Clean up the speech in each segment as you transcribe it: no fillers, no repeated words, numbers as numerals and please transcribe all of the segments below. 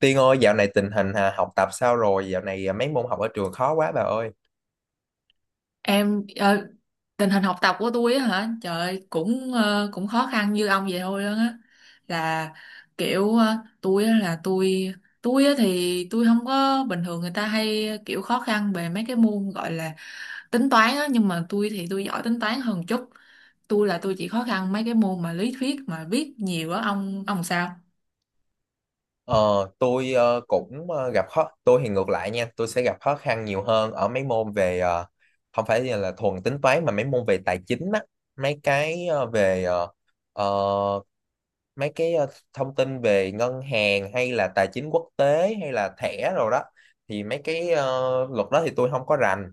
Tiên ơi, dạo này tình hình học tập sao rồi? Dạo này mấy môn học ở trường khó quá bà ơi. em ờ, Tình hình học tập của tôi á hả, trời ơi, cũng cũng khó khăn như ông vậy thôi đó á, là kiểu tôi á thì tôi không có, bình thường người ta hay kiểu khó khăn về mấy cái môn gọi là tính toán á, nhưng mà tôi thì tôi giỏi tính toán hơn chút. Tôi là tôi chỉ khó khăn mấy cái môn mà lý thuyết mà viết nhiều á. Ông sao Ờ, tôi cũng gặp khó, tôi thì ngược lại nha, tôi sẽ gặp khó khăn nhiều hơn ở mấy môn về không phải là thuần tính toán mà mấy môn về tài chính á, mấy cái ờ, về ờ, ờ, mấy cái thông tin về ngân hàng hay là tài chính quốc tế hay là thẻ rồi đó. Thì mấy cái luật đó thì tôi không có rành.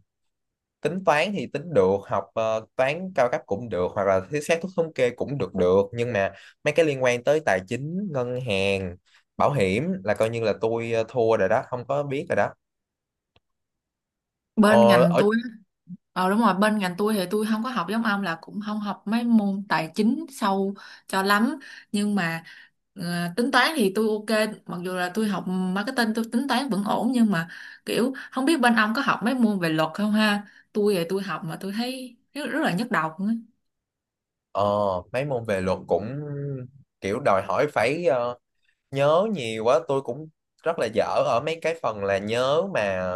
Tính toán thì tính được, học toán cao cấp cũng được, hoặc là thiết xác thuốc thống kê cũng được được, nhưng mà mấy cái liên quan tới tài chính ngân hàng, bảo hiểm là coi như là tôi thua rồi đó, không có biết rồi đó. bên ờ, ngành ở tôi? Đúng rồi, bên ngành tôi thì tôi không có học giống ông, là cũng không học mấy môn tài chính sâu cho lắm, nhưng mà ờ, tính toán thì tôi ok. Mặc dù là tôi học marketing tôi tính toán vẫn ổn, nhưng mà kiểu không biết bên ông có học mấy môn về luật không ha? Tôi thì tôi học mà tôi thấy rất, rất là nhức đầu luôn á. ờ, Mấy môn về luật cũng kiểu đòi hỏi phải nhớ nhiều quá, tôi cũng rất là dở ở mấy cái phần là nhớ mà,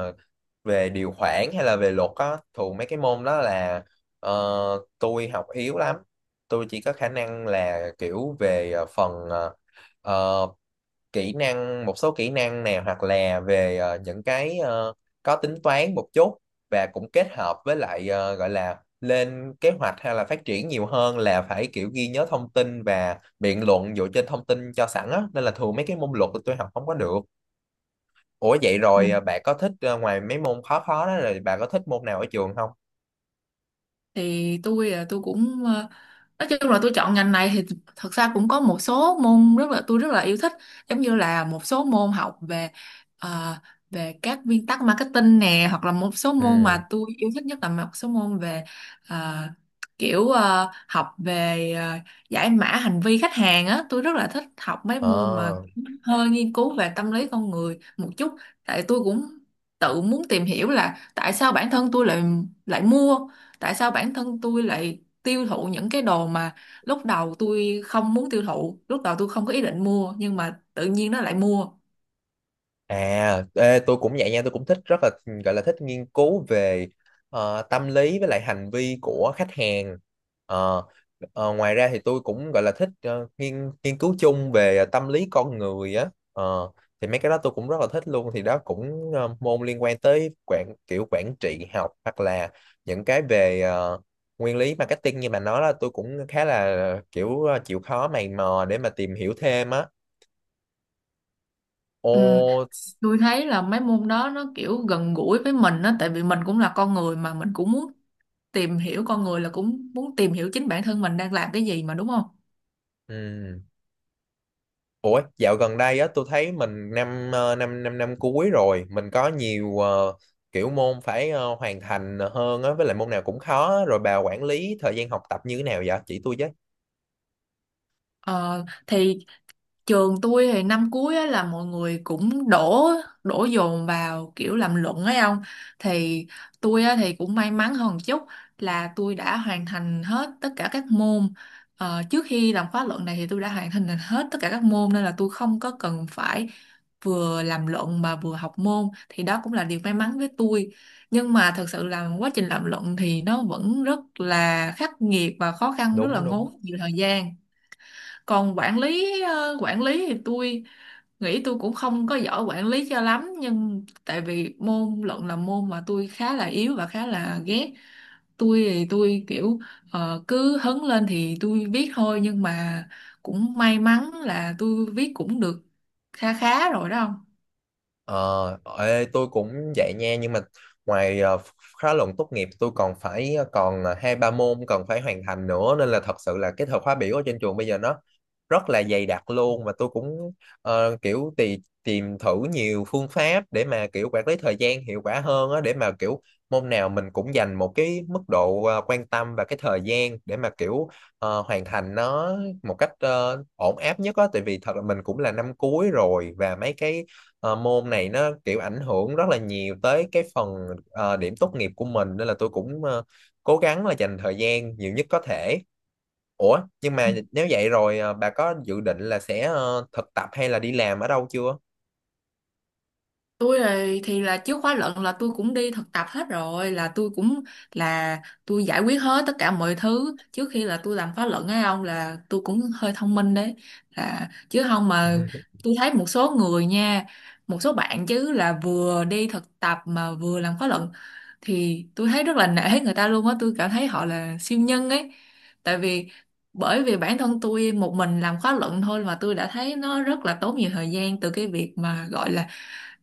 về điều khoản hay là về luật á. Thường mấy cái môn đó là ờ, tôi học yếu lắm. Tôi chỉ có khả năng là kiểu về phần ờ, kỹ năng, một số kỹ năng nào, hoặc là về những cái có tính toán một chút, và cũng kết hợp với lại gọi là lên kế hoạch hay là phát triển, nhiều hơn là phải kiểu ghi nhớ thông tin và biện luận dựa trên thông tin cho sẵn á, nên là thường mấy cái môn luật tôi học không có được. Ủa, vậy rồi bà có thích ngoài mấy môn khó khó đó, rồi bạn có thích môn nào ở trường không? Thì tôi là tôi cũng nói chung là tôi chọn ngành này thì thật ra cũng có một số môn rất là, tôi rất là yêu thích, giống như là một số môn học về ờ, về các nguyên tắc marketing nè, hoặc là một số môn Ừ. mà tôi yêu thích nhất là một số môn về ờ, học về giải mã hành vi khách hàng á. Tôi rất là thích học mấy môn mà Ờ. hơi nghiên cứu về tâm lý con người một chút. Tại tôi cũng tự muốn tìm hiểu là tại sao bản thân tôi lại lại mua tại sao bản thân tôi lại tiêu thụ những cái đồ mà lúc đầu tôi không muốn tiêu thụ, lúc đầu tôi không có ý định mua, nhưng mà tự nhiên nó lại mua. À, ê, tôi cũng vậy nha, tôi cũng thích, rất là gọi là thích nghiên cứu về tâm lý với lại hành vi của khách hàng. Ờ, ngoài ra thì tôi cũng gọi là thích nghiên nghiên cứu chung về tâm lý con người á. Ờ, thì mấy cái đó tôi cũng rất là thích luôn. Thì đó cũng môn liên quan tới kiểu quản trị học, hoặc là những cái về nguyên lý marketing như bạn nói, là tôi cũng khá là kiểu chịu khó mày mò để mà tìm hiểu thêm á. Ừ, Ồ, tôi thấy là mấy môn đó nó kiểu gần gũi với mình á, tại vì mình cũng là con người mà mình cũng muốn tìm hiểu con người, là cũng muốn tìm hiểu chính bản thân mình đang làm cái gì mà, đúng không? ừ. Ủa, dạo gần đây á tôi thấy mình năm ờ, năm năm năm cuối rồi, mình có nhiều kiểu môn phải hoàn thành hơn á, với lại môn nào cũng khó á. Rồi bà quản lý thời gian học tập như thế nào vậy? Chỉ tôi chứ. Ờ, thì trường tôi thì năm cuối á, là mọi người cũng đổ đổ dồn vào kiểu làm luận ấy ông. Thì tôi á, thì cũng may mắn hơn một chút là tôi đã hoàn thành hết tất cả các môn. Ờ, trước khi làm khóa luận này thì tôi đã hoàn thành hết tất cả các môn, nên là tôi không có cần phải vừa làm luận mà vừa học môn, thì đó cũng là điều may mắn với tôi. Nhưng mà thật sự là quá trình làm luận thì nó vẫn rất là khắc nghiệt và khó khăn, rất là Đúng đúng. ngốn nhiều thời gian. Còn quản lý quản lý thì tôi nghĩ tôi cũng không có giỏi quản lý cho lắm, nhưng tại vì môn luận là môn mà tôi khá là yếu và khá là ghét. Tôi thì tôi kiểu cứ hứng lên thì tôi viết thôi, nhưng mà cũng may mắn là tôi viết cũng được kha khá rồi đó không. Ờ, ê, tôi cũng vậy nha, nhưng mà ngoài khóa luận tốt nghiệp tôi còn phải ờ, còn ờ, hai ba môn cần phải hoàn thành nữa, nên là thật sự là cái thời khóa biểu ở trên trường bây giờ nó rất là dày đặc luôn, và tôi cũng kiểu tìm thử nhiều phương pháp để mà kiểu quản lý thời gian hiệu quả hơn á, để mà kiểu môn nào mình cũng dành một cái mức độ quan tâm và cái thời gian để mà kiểu hoàn thành nó một cách ổn áp nhất á, tại vì thật là mình cũng là năm cuối rồi, và mấy cái môn này nó kiểu ảnh hưởng rất là nhiều tới cái phần điểm tốt nghiệp của mình, nên là tôi cũng cố gắng là dành thời gian nhiều nhất có thể. Ủa, nhưng mà nếu vậy rồi bà có dự định là sẽ thực tập hay là đi làm ở đâu chưa? Tôi thì là trước khóa luận là tôi cũng đi thực tập hết rồi, là tôi cũng là tôi giải quyết hết tất cả mọi thứ trước khi là tôi làm khóa luận ấy ông, là tôi cũng hơi thông minh đấy, là chứ không mà tôi thấy một số người nha, một số bạn chứ là vừa đi thực tập mà vừa làm khóa luận, thì tôi thấy rất là nể người ta luôn á, tôi cảm thấy họ là siêu nhân ấy. Tại vì, bởi vì bản thân tôi một mình làm khóa luận thôi mà tôi đã thấy nó rất là tốn nhiều thời gian, từ cái việc mà gọi là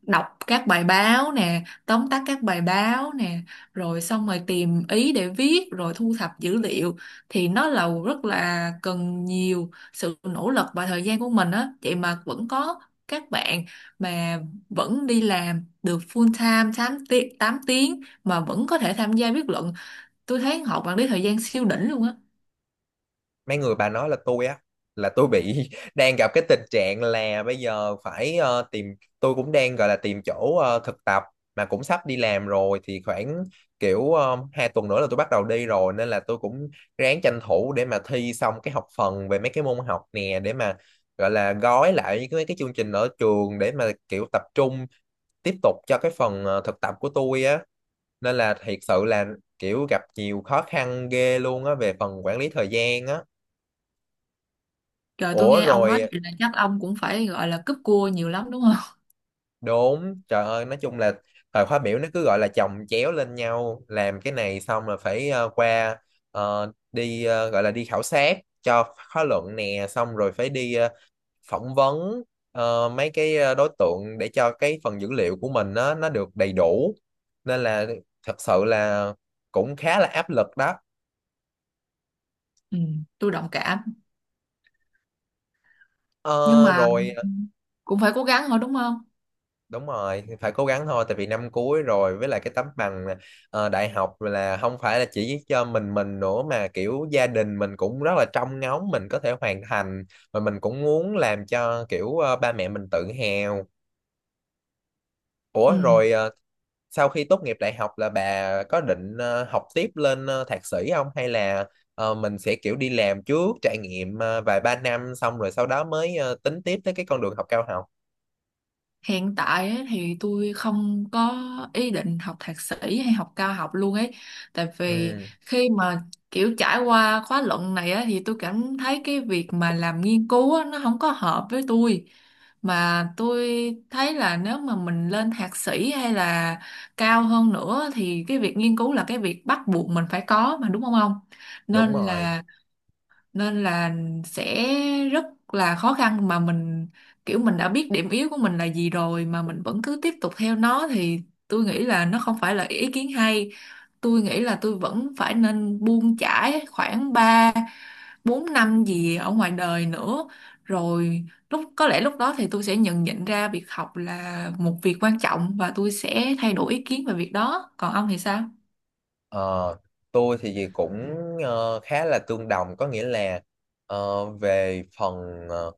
đọc các bài báo nè, tóm tắt các bài báo nè, rồi xong rồi tìm ý để viết, rồi thu thập dữ liệu, thì nó là rất là cần nhiều sự nỗ lực và thời gian của mình á, vậy mà vẫn có các bạn mà vẫn đi làm được full time 8 tiếng, 8 tiếng mà vẫn có thể tham gia viết luận. Tôi thấy họ quản lý thời gian siêu đỉnh luôn á. Mấy người bà nói là tôi á, là tôi bị đang gặp cái tình trạng là bây giờ phải tìm, tôi cũng đang gọi là tìm chỗ thực tập mà cũng sắp đi làm rồi, thì khoảng kiểu hai tuần nữa là tôi bắt đầu đi rồi, nên là tôi cũng ráng tranh thủ để mà thi xong cái học phần về mấy cái môn học nè, để mà gọi là gói lại những cái mấy cái chương trình ở trường để mà kiểu tập trung tiếp tục cho cái phần thực tập của tôi á, nên là thiệt sự là kiểu gặp nhiều khó khăn ghê luôn á về phần quản lý thời gian á. Trời, tôi Ủa nghe ông nói rồi, vậy là chắc ông cũng phải gọi là cúp cua nhiều lắm đúng không? đúng, trời ơi, nói chung là thời khóa biểu nó cứ gọi là chồng chéo lên nhau, làm cái này xong là phải qua đi gọi là đi khảo sát cho khóa luận nè, xong rồi phải đi phỏng vấn mấy cái đối tượng để cho cái phần dữ liệu của mình nó được đầy đủ, nên là thật sự là cũng khá là áp lực đó. Ừ, tôi đồng cảm. Nhưng Ờ, mà rồi cũng phải cố gắng thôi đúng không. đúng rồi, thì phải cố gắng thôi, tại vì năm cuối rồi, với lại cái tấm bằng đại học là không phải là chỉ cho mình nữa, mà kiểu gia đình mình cũng rất là trông ngóng mình có thể hoàn thành, và mình cũng muốn làm cho kiểu ba mẹ mình tự hào. Ừ, Ủa rồi sau khi tốt nghiệp đại học là bà có định học tiếp lên thạc sĩ không, hay là mình sẽ kiểu đi làm trước, trải nghiệm vài ba năm xong rồi sau đó mới tính tiếp tới cái con đường học cao học? hiện tại ấy, thì tôi không có ý định học thạc sĩ hay học cao học luôn ấy. Tại vì Ừ, khi mà kiểu trải qua khóa luận này á thì tôi cảm thấy cái việc mà làm nghiên cứu á, nó không có hợp với tôi. Mà tôi thấy là nếu mà mình lên thạc sĩ hay là cao hơn nữa thì cái việc nghiên cứu là cái việc bắt buộc mình phải có mà, đúng không ông? đúng nên rồi. là nên là sẽ rất là khó khăn, mà mình kiểu mình đã biết điểm yếu của mình là gì rồi mà mình vẫn cứ tiếp tục theo nó thì tôi nghĩ là nó không phải là ý kiến hay. Tôi nghĩ là tôi vẫn phải nên buông chải khoảng 3 4 năm gì ở ngoài đời nữa, rồi lúc, có lẽ lúc đó thì tôi sẽ nhận nhận ra việc học là một việc quan trọng và tôi sẽ thay đổi ý kiến về việc đó. Còn ông thì sao? Ờ, tôi thì gì cũng khá là tương đồng, có nghĩa là về phần ờ,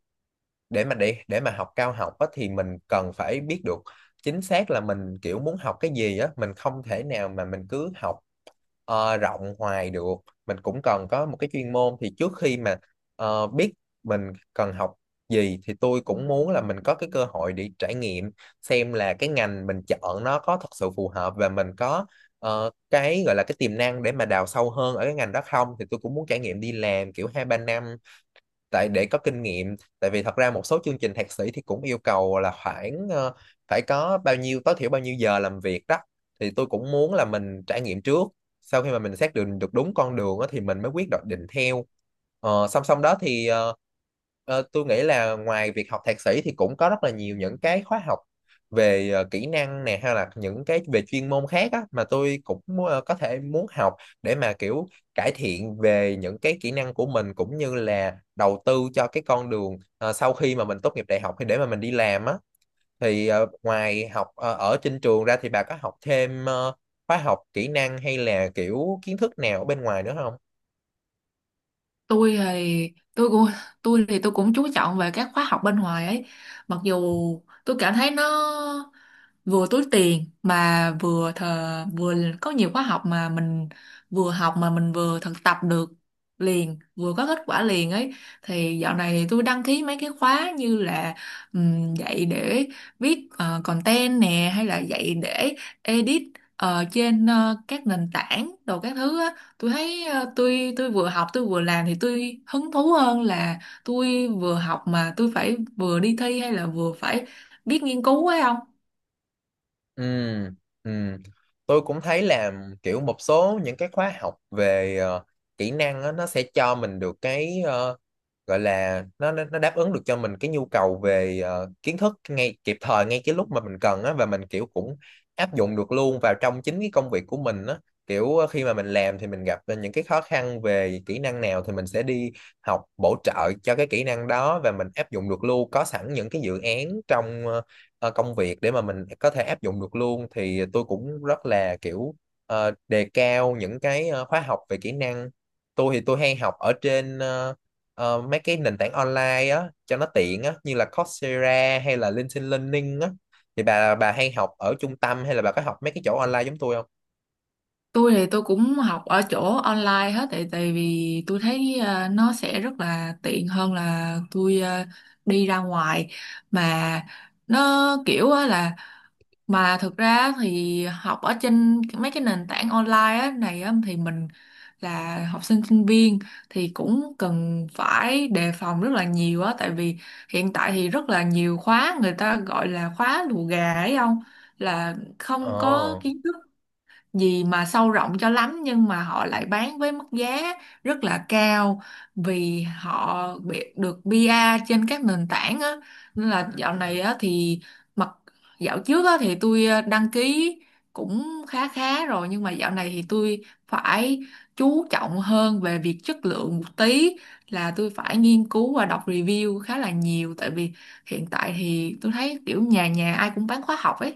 để mà học cao học á, thì mình cần phải biết được chính xác là mình kiểu muốn học cái gì á. Mình không thể nào mà mình cứ học rộng hoài được, mình cũng cần có một cái chuyên môn. Thì trước khi mà biết mình cần học gì thì tôi cũng muốn là mình có cái cơ hội để trải nghiệm xem là cái ngành mình chọn nó có thật sự phù hợp và mình có cái gọi là cái tiềm năng để mà đào sâu hơn ở cái ngành đó không. Thì tôi cũng muốn trải nghiệm đi làm kiểu hai ba năm, tại để có kinh nghiệm, tại vì thật ra một số chương trình thạc sĩ thì cũng yêu cầu là khoảng phải có bao nhiêu, tối thiểu bao nhiêu giờ làm việc đó. Thì tôi cũng muốn là mình trải nghiệm trước, sau khi mà mình xác định được đúng con đường á, thì mình mới quyết định theo. Ờ, song song đó thì tôi nghĩ là ngoài việc học thạc sĩ thì cũng có rất là nhiều những cái khóa học về kỹ năng nè, hay là những cái về chuyên môn khác á, mà tôi cũng có thể muốn học để mà kiểu cải thiện về những cái kỹ năng của mình, cũng như là đầu tư cho cái con đường sau khi mà mình tốt nghiệp đại học thì để mà mình đi làm á. Thì ngoài học ở trên trường ra thì bà có học thêm khóa học kỹ năng hay là kiểu kiến thức nào ở bên ngoài nữa không? Tôi tôi thì tôi cũng chú trọng về các khóa học bên ngoài ấy. Mặc dù tôi cảm thấy nó vừa túi tiền mà vừa thờ vừa có nhiều khóa học mà mình vừa học mà mình vừa thực tập được liền, vừa có kết quả liền ấy. Thì dạo này thì tôi đăng ký mấy cái khóa như là dạy để viết content nè, hay là dạy để edit trên các nền tảng đồ các thứ á. Tôi thấy tôi vừa học tôi vừa làm thì tôi hứng thú hơn là tôi vừa học mà tôi phải vừa đi thi hay là vừa phải biết nghiên cứu ấy không. Ừ, ừ. Tôi cũng thấy là kiểu một số những cái khóa học về kỹ năng á, nó sẽ cho mình được cái gọi là nó đáp ứng được cho mình cái nhu cầu về kiến thức ngay kịp thời, ngay cái lúc mà mình cần á, và mình kiểu cũng áp dụng được luôn vào trong chính cái công việc của mình á. Kiểu khi mà mình làm thì mình gặp những cái khó khăn về kỹ năng nào thì mình sẽ đi học bổ trợ cho cái kỹ năng đó, và mình áp dụng được luôn, có sẵn những cái dự án trong công việc để mà mình có thể áp dụng được luôn. Thì tôi cũng rất là kiểu đề cao những cái khóa học về kỹ năng. Tôi thì tôi hay học ở trên mấy cái nền tảng online á cho nó tiện á, như là Coursera hay là LinkedIn Learning á. Thì bà hay học ở trung tâm hay là bà có học mấy cái chỗ online giống tôi không? Tôi thì tôi cũng học ở chỗ online hết, tại tại vì tôi thấy nó sẽ rất là tiện hơn là tôi đi ra ngoài. Mà nó kiểu á là, mà thực ra thì học ở trên mấy cái nền tảng online á này á thì mình là học sinh sinh viên thì cũng cần phải đề phòng rất là nhiều á, tại vì hiện tại thì rất là nhiều khóa người ta gọi là khóa lùa gà ấy không, là không có Ồ, kiến thức gì mà sâu rộng cho lắm, nhưng mà họ lại bán với mức giá rất là cao vì họ bị được PR trên các nền tảng á. Nên là dạo này á thì mặc dạo trước á thì tôi đăng ký cũng khá khá rồi, nhưng mà dạo này thì tôi phải chú trọng hơn về việc chất lượng một tí, là tôi phải nghiên cứu và đọc review khá là nhiều, tại vì hiện tại thì tôi thấy kiểu nhà nhà ai cũng bán khóa học ấy.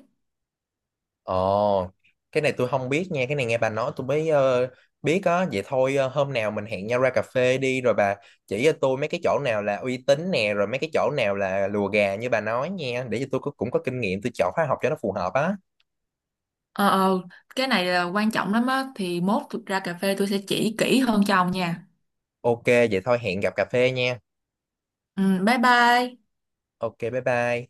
ồ, cái này tôi không biết nha, cái này nghe bà nói tôi mới biết á. Vậy thôi hôm nào mình hẹn nhau ra cà phê đi, rồi bà chỉ cho tôi mấy cái chỗ nào là uy tín nè, rồi mấy cái chỗ nào là lùa gà như bà nói nha, để cho tôi cũng có kinh nghiệm, tôi chọn khóa học cho nó phù hợp á. Ờ, ờ, cái này là quan trọng lắm á, thì mốt thực ra cà phê tôi sẽ chỉ kỹ hơn cho ông nha. Ok, vậy thôi hẹn gặp cà phê nha. Ừ, bye bye. Ok, bye bye.